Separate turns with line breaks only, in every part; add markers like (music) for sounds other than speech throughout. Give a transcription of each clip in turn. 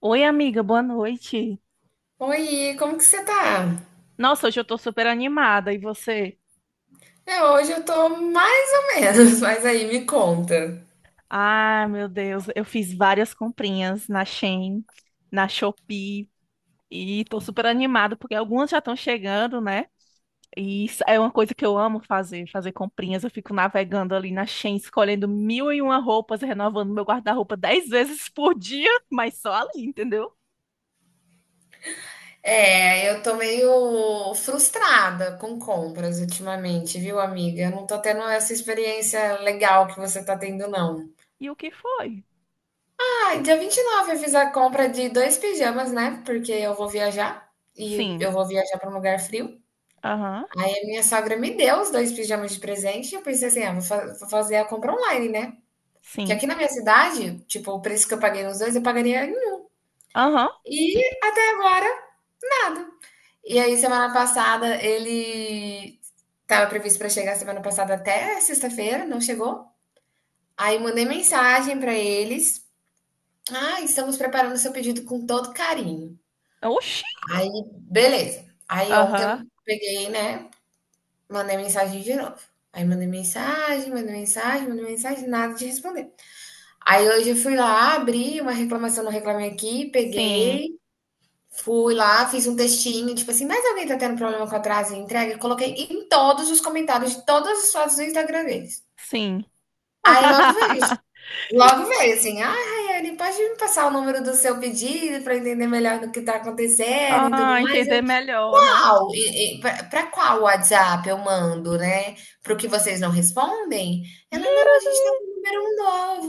Oi, amiga, boa noite.
Oi, como que você tá?
Nossa, hoje eu tô super animada. E você?
É, hoje eu tô mais ou menos, (laughs) mas aí me conta.
Ah, meu Deus, eu fiz várias comprinhas na Shein, na Shopee, e tô super animada porque algumas já estão chegando, né? E isso é uma coisa que eu amo fazer, fazer comprinhas. Eu fico navegando ali na Shein, escolhendo mil e uma roupas, renovando meu guarda-roupa dez (laughs) vezes por dia, mas só ali, entendeu?
É, eu tô meio frustrada com compras ultimamente, viu, amiga? Eu não tô tendo essa experiência legal que você tá tendo, não.
E o que foi?
Ah, e dia 29 eu fiz a compra de dois pijamas, né? Porque eu vou viajar e
Sim,
eu vou viajar pra um lugar frio.
aham,
E minha sogra me deu os dois pijamas de presente e eu pensei assim, ah, vou fazer a compra online, né? Porque
sim,
aqui na minha cidade, tipo, o preço que eu paguei nos dois, eu pagaria.
aham,
E até agora, nada. E aí, semana passada, ele estava previsto para chegar semana passada até sexta-feira, não chegou. Aí mandei mensagem para eles. Ah, estamos preparando seu pedido com todo carinho.
oxi,
Aí, beleza. Aí ontem
aham,
eu peguei, né? Mandei mensagem de novo. Aí mandei mensagem, mandei mensagem, mandei mensagem, nada de responder. Aí hoje eu fui lá, abri uma reclamação no Reclame Aqui,
sim,
peguei. Fui lá, fiz um textinho, tipo assim, mas alguém tá tendo problema com atraso e entrega? Eu coloquei em todos os comentários de todas as fotos do Instagram deles.
sim.
Aí
(laughs)
logo veio assim, ah, Rayane, pode me passar o número do seu pedido para entender melhor do que tá acontecendo e tudo
Ah,
mais?
entender melhor, né?
Qual? E para qual WhatsApp eu mando, né? Para o que vocês não respondem? Ela,
Me-
não, a gente está com um número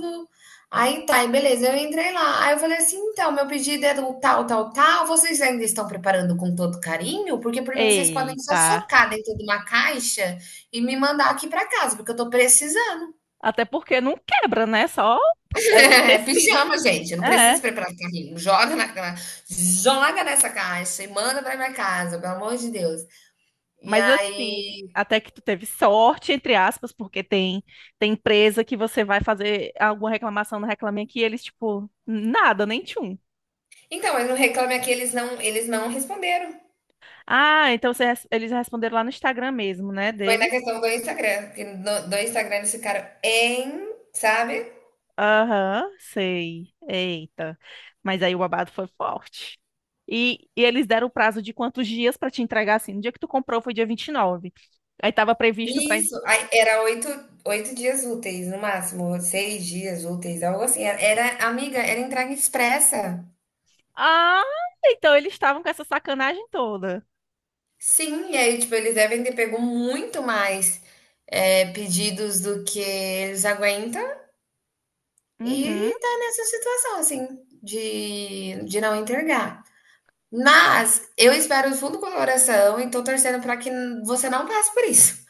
novo. Aí tá, e beleza, eu entrei lá. Aí eu falei assim: então, meu pedido é do tal, tal, tal. Vocês ainda estão preparando com todo carinho? Porque por mim vocês podem só
Eita.
socar dentro de uma caixa e me mandar aqui para casa, porque eu tô precisando. (laughs)
Até porque não quebra, né? Só
É
tecido.
pijama, gente. Eu não preciso
É.
preparar carrinho. Joga na joga nessa caixa e manda para minha casa, pelo amor de Deus. E
Mas assim,
aí.
até que tu teve sorte, entre aspas, porque tem empresa que você vai fazer alguma reclamação no Reclame Aqui, e eles, tipo, nada, nem tchum.
Então, mas no Reclame Aqui eles não responderam.
Ah, então eles responderam lá no Instagram mesmo, né,
Foi na
deles.
questão do Instagram, que do Instagram eles ficaram em, sabe?
Aham, sei. Eita. Mas aí o babado foi forte. E eles deram o prazo de quantos dias pra te entregar assim? No dia que tu comprou foi dia 29. Aí tava previsto pra.
Isso, aí era 8, 8 dias úteis, no máximo, 6 dias úteis, algo assim. Era, amiga, era entrega expressa.
Ah, então eles estavam com essa sacanagem toda.
Sim, e aí, tipo, eles devem ter pego muito mais pedidos do que eles aguentam
Uhum.
e tá nessa situação, assim, de não entregar. Mas eu espero do fundo do coração e tô torcendo para que você não passe por isso.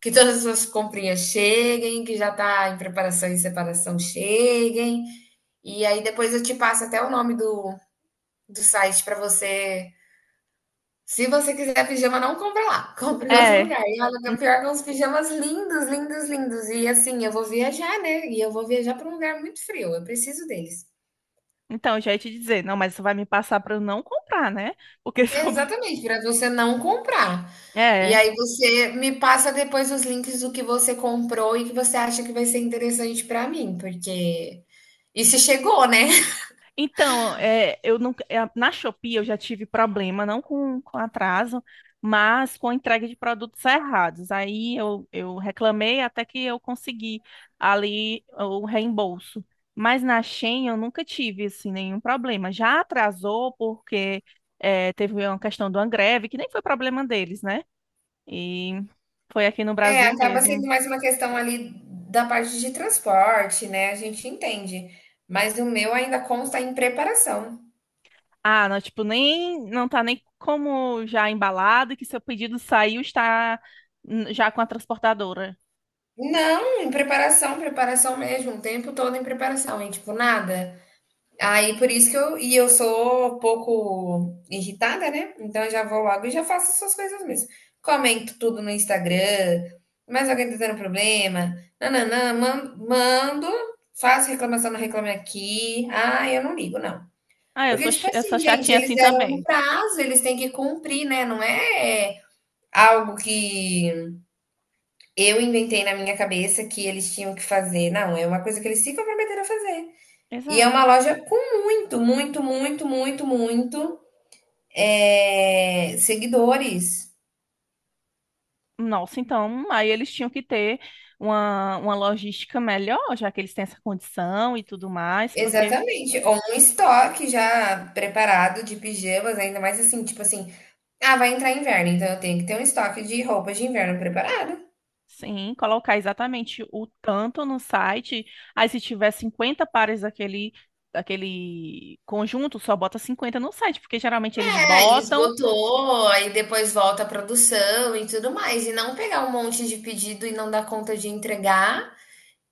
Que todas as suas comprinhas cheguem, que já tá em preparação e separação cheguem, e aí depois eu te passo até o nome do do site para você, se você quiser pijama, não compra lá, (laughs) compra em outro
É.
lugar. E olha que o
en-
pior é que é uns pijamas lindos, lindos, lindos. E assim, eu vou viajar, né, e eu vou viajar para um lugar muito frio, eu preciso deles.
Então, eu já ia te dizer, não, mas isso vai me passar pra eu não comprar, né? Porque se eu...
Exatamente, para você não comprar.
(laughs)
E
É.
aí você me passa depois os links do que você comprou e que você acha que vai ser interessante para mim, porque isso chegou, né?
Então, eu não, é, na Shopee eu já tive problema, não com atraso, mas com a entrega de produtos errados. Eu reclamei até que eu consegui ali o reembolso. Mas na Shein eu nunca tive assim, nenhum problema. Já atrasou porque teve uma questão de uma greve, que nem foi problema deles, né? E foi aqui no
É,
Brasil
acaba sendo
mesmo.
mais uma questão ali da parte de transporte, né? A gente entende, mas o meu ainda consta em preparação.
Ah, não, tipo, nem não tá nem como já embalado que seu pedido saiu está já com a transportadora.
Não, em preparação, preparação mesmo, o tempo todo em preparação, e tipo, nada. Aí por isso que eu sou um pouco irritada, né? Então eu já vou logo e já faço essas coisas mesmo. Comento tudo no Instagram, mais alguém tá tendo problema, nananã, mando, faço reclamação no Reclame Aqui. Ah, eu não ligo, não.
Ah, eu
Porque,
sou
tipo
eu sou
assim, gente,
chatinha
eles
assim
deram um
também.
prazo, eles têm que cumprir, né? Não é algo que eu inventei na minha cabeça que eles tinham que fazer. Não, é uma coisa que eles se comprometeram a fazer. E é
Exato.
uma loja com muito, muito, muito, muito, muito seguidores.
Nossa, então, aí eles tinham que ter uma logística melhor, já que eles têm essa condição e tudo mais, porque
Exatamente. Ou um estoque já preparado de pijamas, ainda mais assim, tipo assim, ah, vai entrar inverno, então eu tenho que ter um estoque de roupas de inverno preparado.
sim, colocar exatamente o tanto no site, aí se tiver 50 pares daquele conjunto, só bota 50 no site, porque geralmente eles
É, aí
botam.
esgotou, aí depois volta a produção e tudo mais. E não pegar um monte de pedido e não dar conta de entregar.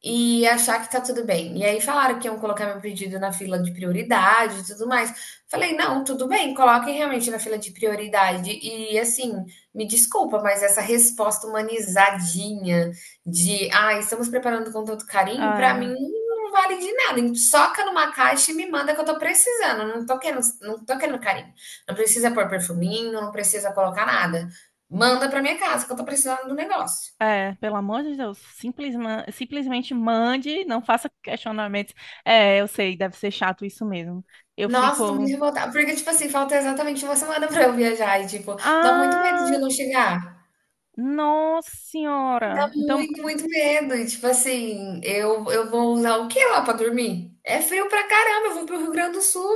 E achar que tá tudo bem. E aí falaram que iam colocar meu pedido na fila de prioridade e tudo mais. Falei, não, tudo bem, coloquem realmente na fila de prioridade. E assim, me desculpa, mas essa resposta humanizadinha de ah, estamos preparando com tanto carinho, pra mim não vale de nada. Soca numa caixa e me manda que eu tô precisando. Não tô querendo, não tô querendo carinho. Não precisa pôr perfuminho, não precisa colocar nada. Manda pra minha casa que eu tô precisando do negócio.
É, pelo amor de Deus, simplesmente mande, não faça questionamentos. É, eu sei, deve ser chato isso mesmo. Eu
Nossa, tô muito
fico,
revoltada, porque, tipo assim, falta exatamente uma semana (laughs) pra eu viajar e, tipo, dá muito medo de
ah,
não chegar.
nossa
Dá
senhora. Então,
muito, muito medo e, tipo assim, eu vou usar o que lá pra dormir? É frio pra caramba, eu vou pro Rio Grande do Sul.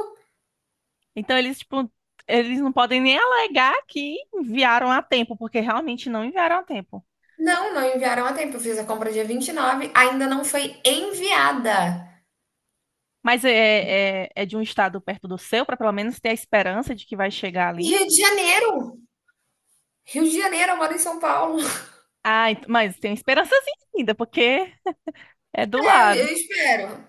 então eles tipo, eles não podem nem alegar que enviaram a tempo, porque realmente não enviaram a tempo.
Não, não enviaram a tempo, eu fiz a compra dia 29. Ainda não foi enviada.
Mas é de um estado perto do seu, para pelo menos ter a esperança de que vai chegar ali.
Rio de Janeiro! Rio de Janeiro, eu moro em São Paulo. (laughs)
Ah, mas tem esperançazinha ainda, porque é do
É, eu
lado,
eu espero.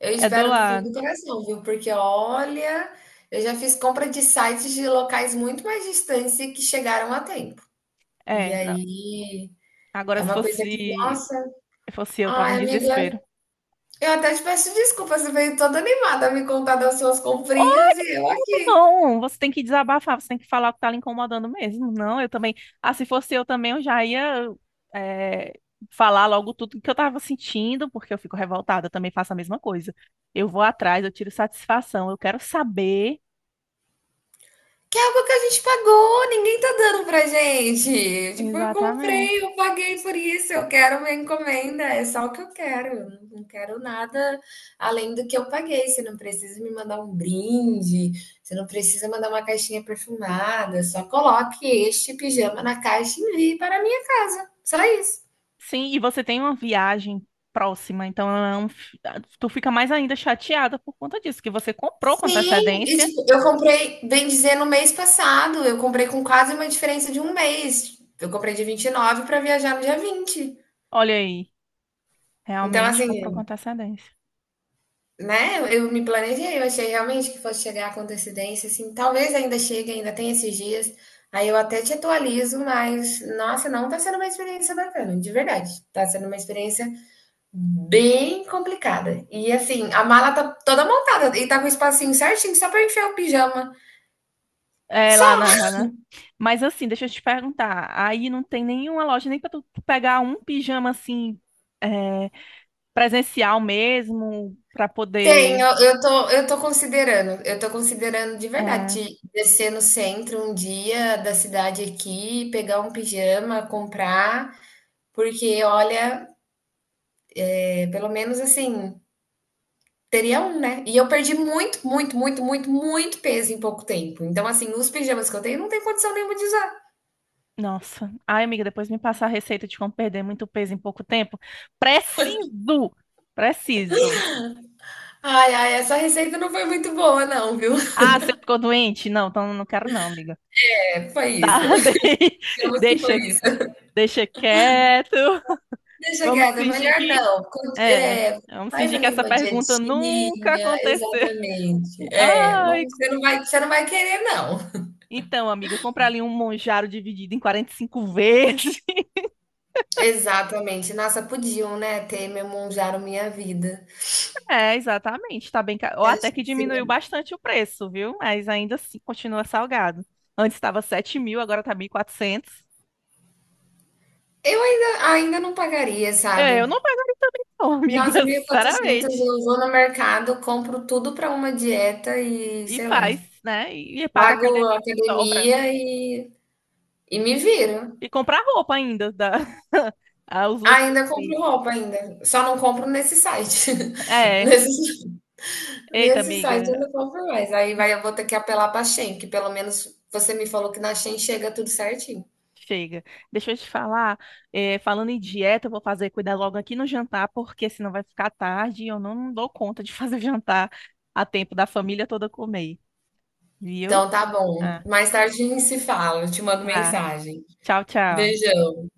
Eu
é do
espero do fundo
lado.
do coração, viu? Porque olha, eu já fiz compra de sites de locais muito mais distantes e que chegaram a tempo. E
É, não.
aí
Agora,
é
se
uma coisa que,
fosse.
nossa,
Se fosse eu, tava em
ai, amiga,
desespero.
eu até te peço desculpa, você veio toda animada a me contar das suas comprinhas e eu
Ou
aqui.
não, você tem que desabafar, você tem que falar o que tá lhe incomodando mesmo. Não, eu também. Ah, se fosse eu também, eu já ia é, falar logo tudo que eu tava sentindo, porque eu fico revoltada, eu também faço a mesma coisa. Eu vou atrás, eu tiro satisfação, eu quero saber.
Que é algo que a gente pagou, ninguém tá dando pra gente. Tipo, eu
Exatamente.
comprei, eu paguei por isso, eu quero uma encomenda, é só o que eu quero. Eu não quero nada além do que eu paguei. Você não precisa me mandar um brinde, você não precisa mandar uma caixinha perfumada, só coloque este pijama na caixa e envie para a minha casa. Só isso.
Sim, e você tem uma viagem próxima, então é um tu fica mais ainda chateada por conta disso, que você comprou com
Sim, e
antecedência.
tipo, eu comprei, bem dizer, no mês passado, eu comprei com quase uma diferença de um mês. Eu comprei de 29 para viajar no dia 20.
Olha aí,
Então,
realmente comprou com
assim,
antecedência.
né, eu me planejei, eu achei realmente que fosse chegar com antecedência, assim, talvez ainda chegue, ainda tem esses dias, aí eu até te atualizo, mas, nossa, não tá sendo uma experiência bacana, de verdade. Tá sendo uma experiência bem complicada. E, assim, a mala tá toda montada e tá com o espacinho certinho só pra enfiar o pijama.
É,
Só
mas assim, deixa eu te perguntar. Aí não tem nenhuma loja nem pra tu pegar um pijama assim, é, presencial mesmo, pra
tem,
poder.
eu tô considerando de
é,
verdade descer no centro um dia da cidade aqui, pegar um pijama, comprar. Porque, olha, é, pelo menos assim, teria um, né? E eu perdi muito, muito, muito, muito, muito peso em pouco tempo. Então, assim, os pijamas que eu tenho não tem condição nenhuma de usar.
Nossa. Ai, amiga, depois me passa a receita de como perder muito peso em pouco tempo. Preciso! Preciso.
Ai, ai, essa receita não foi muito boa, não, viu? (laughs)
Ah, você ficou doente? Não, então não quero não, amiga.
É, foi isso.
Tá, (laughs)
(laughs) Digamos que
deixa,
foi isso.
deixa quieto.
Deixa
Vamos
quieto, é
fingir
melhor
que.
não.
É, vamos
Faz
fingir que
ali
essa
uma
pergunta nunca
dietinha,
aconteceu.
exatamente. É, não,
Ai,
você não vai querer, não.
então, amiga, comprar ali um Monjaro dividido em 45 vezes. (laughs)
Exatamente. Nossa, podiam, né, ter memonjado minha vida.
É, exatamente, tá bem caro. Ou até que diminuiu bastante o preço, viu? Mas ainda assim continua salgado. Antes estava 7.000, agora tá 1.400.
Eu ainda não pagaria,
É,
sabe.
eu não pagaria também não, (laughs)
Nossa,
amiga,
1.400
sinceramente.
eu vou no mercado, compro tudo para uma dieta e,
E
sei lá,
faz, né? E paga a
pago a
academia que sobra.
academia e me viro.
E comprar roupa ainda, da... (laughs) ah, os looks.
Ainda
Fit.
compro roupa ainda, só não compro nesse site. (laughs)
É,
Nesse
eita,
nesse site
amiga.
eu não compro mais, aí vai eu vou ter que apelar pra Shein, que pelo menos você me falou que na Shein chega tudo certinho.
Chega. Deixa eu te falar, falando em dieta, eu vou fazer cuidar logo aqui no jantar, porque senão vai ficar tarde e eu não dou conta de fazer (laughs) jantar a tempo da família toda comer, viu?
Então tá bom,
Ah,
mais tarde a gente se fala, eu te mando
tá.
mensagem.
Tchau, tchau.
Beijão.